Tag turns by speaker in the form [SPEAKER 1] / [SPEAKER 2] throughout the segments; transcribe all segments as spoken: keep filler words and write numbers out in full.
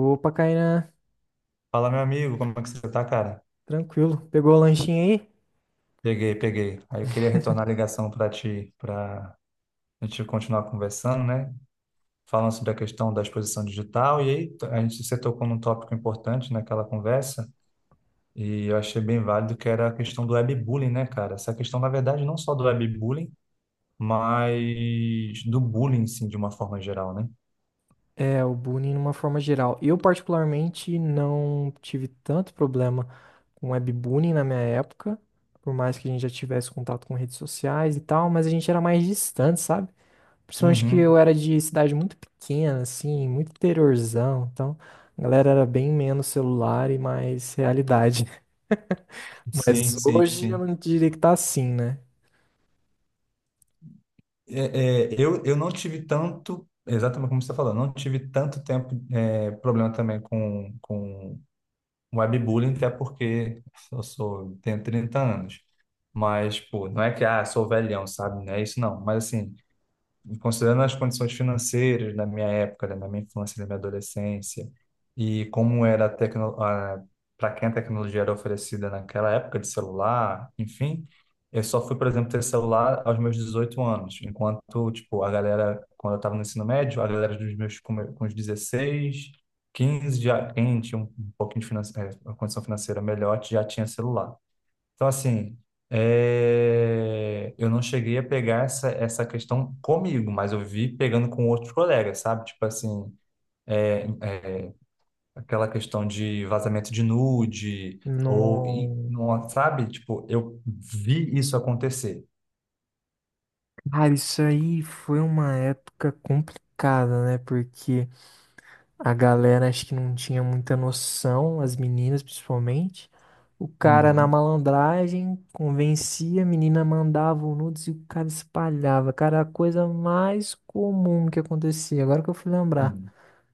[SPEAKER 1] Opa, Kainan,
[SPEAKER 2] Fala, meu amigo, como é que você tá, cara?
[SPEAKER 1] tranquilo. Pegou o lanchinho aí?
[SPEAKER 2] Peguei, peguei. Aí eu queria retornar a ligação para ti, para a gente continuar conversando, né? Falando sobre a questão da exposição digital, e aí a gente se tocou num tópico importante naquela conversa, e eu achei bem válido que era a questão do webbullying, né, cara? Essa questão, na verdade, não só do webbullying, mas do bullying, sim, de uma forma geral, né?
[SPEAKER 1] É, o bullying numa forma geral. Eu, particularmente, não tive tanto problema com webbullying na minha época, por mais que a gente já tivesse contato com redes sociais e tal, mas a gente era mais distante, sabe? Principalmente que
[SPEAKER 2] Uhum.
[SPEAKER 1] eu era de cidade muito pequena, assim, muito interiorzão, então a galera era bem menos celular e mais realidade.
[SPEAKER 2] Sim,
[SPEAKER 1] Mas
[SPEAKER 2] sim,
[SPEAKER 1] hoje
[SPEAKER 2] sim.
[SPEAKER 1] eu não diria que tá assim, né?
[SPEAKER 2] É, é, eu, eu não tive tanto, exatamente como você está falando, não tive tanto tempo, é, problema também com, com webbullying, até porque eu sou, tenho trinta anos. Mas, pô, não é que, ah, sou velhão, sabe? Não é isso, não. Mas, assim, considerando as condições financeiras da minha época, né, da minha infância, da minha adolescência, e como era a tecno... para quem a tecnologia era oferecida naquela época de celular, enfim, eu só fui, por exemplo, ter celular aos meus dezoito anos, enquanto, tipo, a galera, quando eu estava no ensino médio, a galera dos meus com me- com os dezesseis, quinze, já, quem tinha um um pouquinho de finan... eh, uma condição financeira melhor, já tinha celular. Então, assim, é, eu não cheguei a pegar essa, essa questão comigo, mas eu vi pegando com outros colegas, sabe? Tipo assim, é, é, aquela questão de vazamento de nude, ou, e-
[SPEAKER 1] Não.
[SPEAKER 2] não- sabe? Tipo, eu vi isso acontecer.
[SPEAKER 1] Cara, isso aí foi uma época complicada, né? Porque a galera acho que não tinha muita noção, as meninas principalmente. O cara na
[SPEAKER 2] Uhum,
[SPEAKER 1] malandragem convencia, a menina mandava o nudes e o cara espalhava. Cara, era a coisa mais comum que acontecia, agora que eu fui lembrar.
[SPEAKER 2] uhum.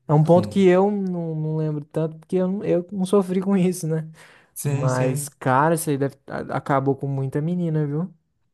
[SPEAKER 1] É um ponto
[SPEAKER 2] Sim,
[SPEAKER 1] que eu não, não lembro tanto, porque eu, não- eu não sofri com isso, né?
[SPEAKER 2] sim,
[SPEAKER 1] Mas,
[SPEAKER 2] sim.
[SPEAKER 1] cara, isso aí deve- a- acabou com muita menina, viu?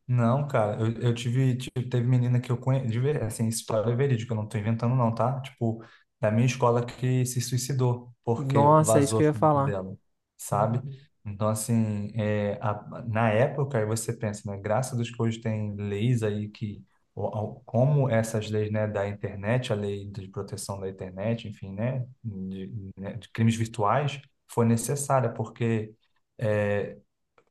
[SPEAKER 2] Não, cara, eu, eu tive, tive, teve menina que eu conheço, de ver- assim, história verídica, eu não tô inventando não, tá? Tipo, da minha escola que se suicidou, porque
[SPEAKER 1] Nossa, é isso
[SPEAKER 2] vazou
[SPEAKER 1] que eu ia
[SPEAKER 2] junto
[SPEAKER 1] falar.
[SPEAKER 2] dela, sabe?
[SPEAKER 1] Uhum.
[SPEAKER 2] Então, assim, é, a- na época, aí você pensa, né, graças a Deus que hoje tem leis aí que, o- o- como essas leis, né, da internet, a lei de proteção da internet, enfim, né, de, né, de crimes virtuais, foi necessária, porque... é,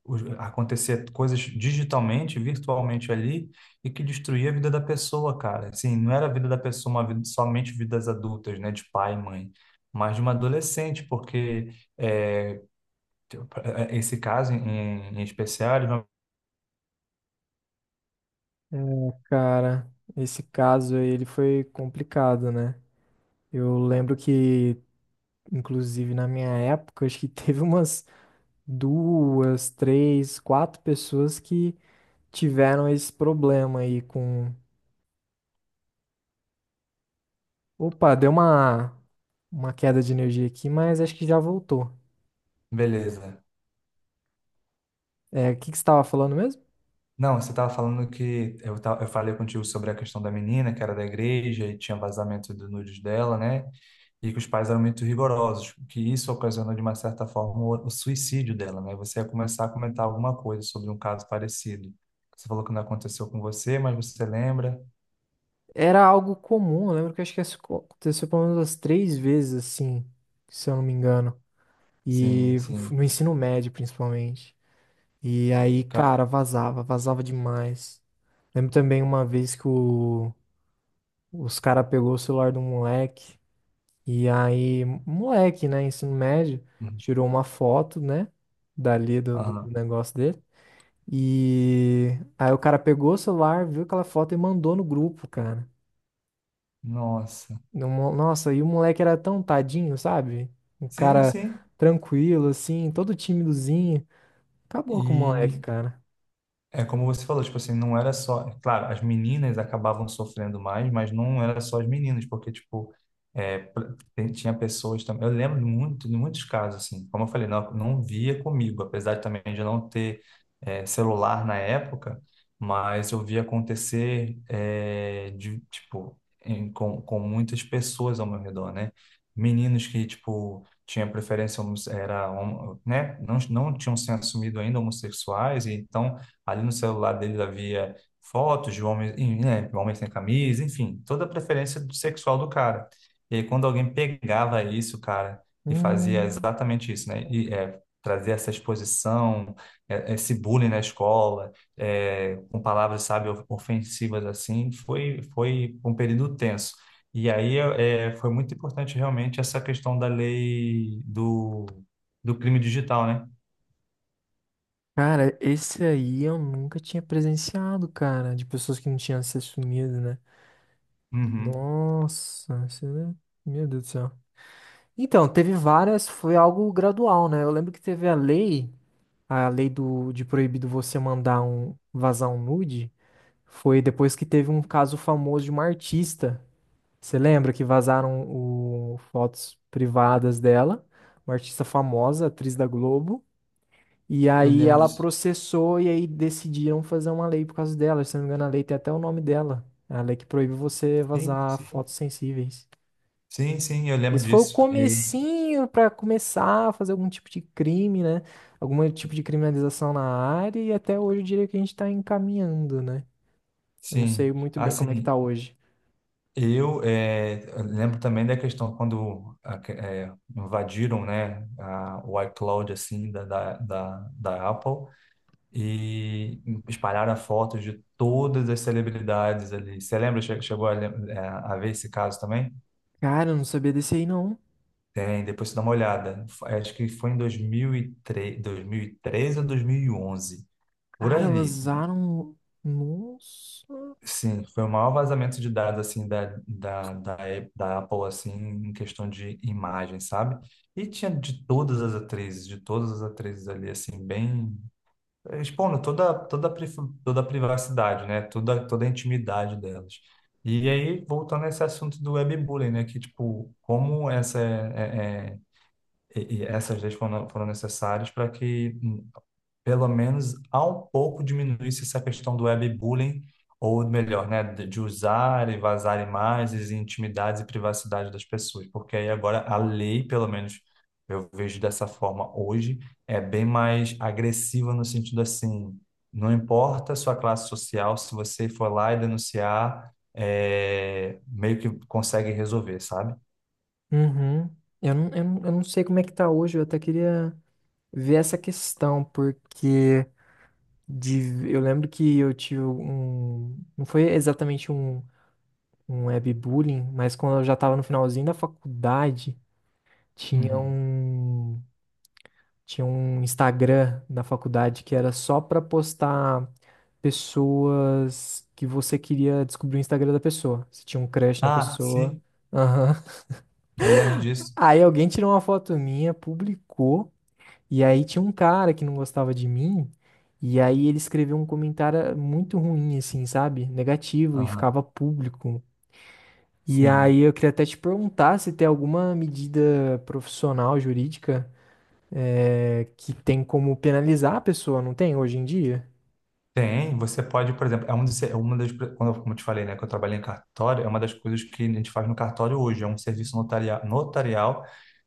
[SPEAKER 2] os- acontecer coisas digitalmente, virtualmente ali, e que destruía a vida da pessoa, cara. Assim, não era a vida da pessoa, uma vida, somente vidas adultas, né, de pai e mãe, mas de uma adolescente, porque é, esse caso em, em especial, ele vai-
[SPEAKER 1] É, cara, esse caso aí, ele foi complicado, né? Eu lembro que, inclusive na minha época, acho que teve umas duas, três, quatro pessoas que tiveram esse problema aí com. Opa, deu uma, uma queda de energia aqui, mas acho que já voltou.
[SPEAKER 2] beleza.
[SPEAKER 1] É, o que que você estava falando mesmo?
[SPEAKER 2] Não, você estava falando que eu, ta- eu falei contigo sobre a questão da menina que era da igreja e tinha vazamento do nudes dela, né? E que os pais eram muito rigorosos, que isso ocasionou de uma certa forma o, o suicídio dela, né? Você ia começar a comentar alguma coisa sobre um caso parecido. Você falou que não aconteceu com você, mas você lembra?
[SPEAKER 1] Era algo comum, eu lembro que acho que isso aconteceu pelo menos umas três vezes, assim, se eu não me engano.
[SPEAKER 2] Sim,
[SPEAKER 1] E f-
[SPEAKER 2] sim.
[SPEAKER 1] no ensino médio, principalmente. E aí,
[SPEAKER 2] Ca-
[SPEAKER 1] cara, vazava, vazava demais. Lembro também uma vez que o- os cara pegou o celular do moleque, e aí, moleque, né, ensino médio,
[SPEAKER 2] Uhum.
[SPEAKER 1] tirou uma foto, né, dali do, do do
[SPEAKER 2] Aham.
[SPEAKER 1] negócio dele. E aí o cara pegou o celular, viu aquela foto e mandou no grupo, cara.
[SPEAKER 2] Nossa.
[SPEAKER 1] No mo- Nossa, e o moleque era tão tadinho, sabe? Um
[SPEAKER 2] Sim,
[SPEAKER 1] cara
[SPEAKER 2] sim.
[SPEAKER 1] tranquilo, assim, todo timidozinho. Acabou com o
[SPEAKER 2] E
[SPEAKER 1] moleque, cara.
[SPEAKER 2] é como você falou, tipo assim, não era só. Claro, as meninas acabavam sofrendo mais, mas não era só as meninas, porque, tipo, é, pra- tem- tinha pessoas também. Eu lembro de muito, de muitos casos, assim, como eu falei, não, não via comigo, apesar de também de não ter é, celular na época, mas eu via acontecer, é, de, tipo, em- com, com muitas pessoas ao meu redor, né? Meninos que, tipo, tinha preferência, homosse- era, homo- né? Não, não tinham se assumido ainda homossexuais, e então ali no celular dele havia fotos de homens, em- né, homens sem camisa, enfim, toda a preferência sexual do cara. E aí, quando alguém pegava isso, cara, e fazia
[SPEAKER 1] Hum.
[SPEAKER 2] exatamente isso, né? E é, trazer essa exposição, é, esse bullying na escola, é, com palavras, sabe, ofensivas assim, foi, foi um período tenso. E aí é, é, foi muito importante realmente essa questão da lei do, do crime digital, né?
[SPEAKER 1] Cara, esse aí eu nunca tinha presenciado, cara, de pessoas que não tinham se assumido, né?
[SPEAKER 2] Uhum.
[SPEAKER 1] Nossa, isso é- meu Deus do céu. Então, teve várias, foi algo gradual, né? Eu lembro que teve a lei, a lei do, de proibido você mandar um, vazar um nude, foi depois que teve um caso famoso de uma artista. Você lembra que vazaram o, fotos privadas dela, uma artista famosa, atriz da Globo. E
[SPEAKER 2] Eu
[SPEAKER 1] aí
[SPEAKER 2] lembro
[SPEAKER 1] ela
[SPEAKER 2] disso.
[SPEAKER 1] processou e aí decidiram fazer uma lei por causa dela. Se não me engano, a lei tem até o nome dela. É a lei que proíbe você
[SPEAKER 2] Sim,
[SPEAKER 1] vazar fotos sensíveis.
[SPEAKER 2] Sim, sim, eu lembro
[SPEAKER 1] Esse foi o
[SPEAKER 2] disso. E,
[SPEAKER 1] comecinho para começar a fazer algum tipo de crime, né? Algum tipo de criminalização na área e até hoje eu diria que a gente tá encaminhando, né? Eu não
[SPEAKER 2] sim,
[SPEAKER 1] sei muito bem como é que
[SPEAKER 2] assim,
[SPEAKER 1] tá hoje.
[SPEAKER 2] eu, eh, eu lembro também da questão quando a que- eh, invadiram, né, a, o iCloud, assim, da, da, da, da Apple e espalharam fotos de todas as celebridades ali. Você lembra, che- chegou a, lem- eh, a ver esse caso também?
[SPEAKER 1] Cara, eu não sabia desse aí não.
[SPEAKER 2] Tem, depois você dá uma olhada. F- Acho que foi em dois dois mil mil e três dois mil e dois mil e treze ou dois mil e onze por
[SPEAKER 1] Cara,
[SPEAKER 2] aí.
[SPEAKER 1] vazaram. Nossa.
[SPEAKER 2] Sim, foi o maior vazamento de dados assim da, da, da, Ap- da Apple assim em questão de imagem, sabe? E tinha de todas as atrizes, de todas as atrizes ali assim bem expondo toda toda a pri- toda a privacidade, né? Toda toda a intimidade delas. E aí voltando a esse assunto do webbullying, né? Que tipo como essa é, é- é- e- e essas leis foram, foram necessárias para que pelo menos há um pouco diminuísse essa questão do webbullying, ou melhor, né, de de usar e vazar imagens, e intimidades e privacidade das pessoas, porque aí agora a lei, pelo menos eu vejo dessa forma hoje, é bem mais agressiva no sentido assim, não importa a sua classe social, se você for lá e denunciar, é, meio que consegue resolver, sabe?
[SPEAKER 1] Uhum. Eu não, eu não, eu não sei como é que tá hoje. Eu até queria. Ver essa questão, porque de, eu lembro que eu tive um. Não foi exatamente um, um webbullying, mas quando eu já estava no finalzinho da faculdade, tinha
[SPEAKER 2] Uhum.
[SPEAKER 1] um. Tinha um Instagram na faculdade que era só para postar pessoas que você queria descobrir o Instagram da pessoa. Você tinha um crush na
[SPEAKER 2] Ah,
[SPEAKER 1] pessoa.
[SPEAKER 2] sim,
[SPEAKER 1] Aham.
[SPEAKER 2] eu lembro disso.
[SPEAKER 1] Aí alguém tirou uma foto minha, publicou. E aí tinha um cara que não gostava de mim, e aí ele escreveu um comentário muito ruim, assim, sabe? Negativo, e
[SPEAKER 2] Aham,
[SPEAKER 1] ficava público. E
[SPEAKER 2] sim.
[SPEAKER 1] aí eu queria até te perguntar se tem alguma medida profissional, jurídica, eh, que tem como penalizar a pessoa, não tem hoje em dia?
[SPEAKER 2] Tem, você pode, por exemplo, é um dos, é uma das, quando eu- como eu te falei, né, que eu trabalhei em cartório, é uma das coisas que a gente faz no cartório hoje, é um serviço notaria, notarial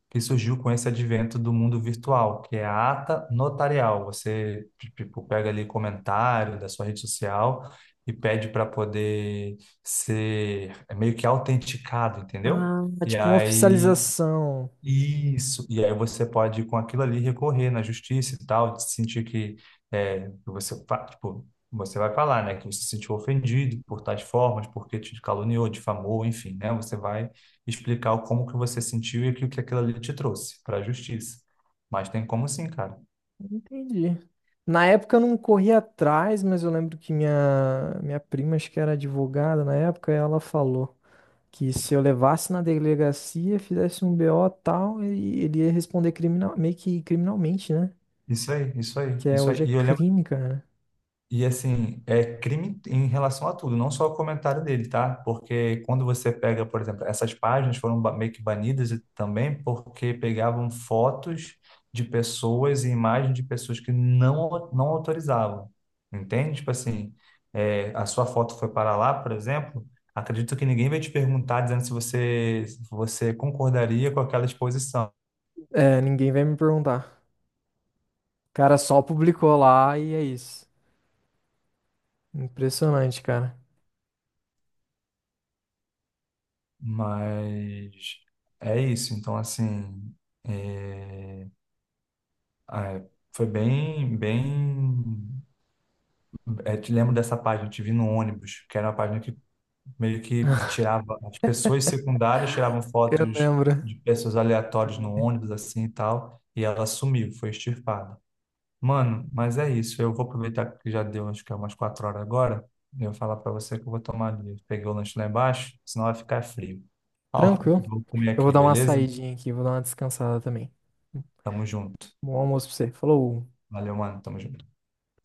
[SPEAKER 2] que surgiu com esse advento do mundo virtual, que é a ata notarial. Você, tipo, pega ali comentário da sua rede social e pede para poder ser é meio que autenticado, entendeu?
[SPEAKER 1] Ah, é
[SPEAKER 2] E
[SPEAKER 1] tipo uma
[SPEAKER 2] aí
[SPEAKER 1] oficialização.
[SPEAKER 2] isso, e aí você pode, com aquilo ali, recorrer na justiça e tal, de sentir que, é, que você, fa- tipo, você vai falar, né, que você se sentiu ofendido por tais formas, porque te caluniou, difamou, enfim, né, você vai explicar o como que você sentiu e o que aquilo ali te trouxe para a justiça. Mas tem como sim, cara.
[SPEAKER 1] Entendi. Na época eu não corri atrás, mas eu lembro que minha, minha prima, acho que era advogada na época, ela falou. Que se eu levasse na delegacia, fizesse um B O tal, ele, ele ia responder criminal, meio que criminalmente, né?
[SPEAKER 2] Isso aí, isso aí,
[SPEAKER 1] Que é,
[SPEAKER 2] isso aí.
[SPEAKER 1] hoje é
[SPEAKER 2] E eu lembro
[SPEAKER 1] crime, cara.
[SPEAKER 2] e assim, é crime em relação a tudo, não só o comentário dele, tá? Porque quando você pega, por exemplo, essas páginas foram ba- meio que banidas e também porque pegavam fotos de pessoas e imagens de pessoas que não, não autorizavam, entende? Tipo assim, é, a sua foto foi para lá, por exemplo, acredito que ninguém vai te perguntar dizendo se você, se você concordaria com aquela exposição,
[SPEAKER 1] É, ninguém vai me perguntar. O cara só publicou lá e é isso. Impressionante, cara.
[SPEAKER 2] mas é isso, então assim. É... Ah, é, foi bem, bem. É, te lembro dessa página, te vi no ônibus, que era uma página que meio que tirava as pessoas secundárias, tiravam
[SPEAKER 1] Eu
[SPEAKER 2] fotos
[SPEAKER 1] lembro.
[SPEAKER 2] de pessoas aleatórias no ônibus, assim e tal, e ela sumiu, foi extirpada. Mano, mas é isso, eu vou aproveitar que já deu, acho que é umas quatro horas agora, e eu vou falar pra você que eu vou tomar ali. Peguei o lanche lá embaixo, senão vai ficar frio. Ó,
[SPEAKER 1] Tranquilo.
[SPEAKER 2] vou comer
[SPEAKER 1] Eu vou
[SPEAKER 2] aqui,
[SPEAKER 1] dar uma
[SPEAKER 2] beleza?
[SPEAKER 1] saidinha aqui, vou dar uma descansada também.
[SPEAKER 2] Tamo junto.
[SPEAKER 1] Bom almoço pra você. Falou.
[SPEAKER 2] Valeu, mano, tamo junto.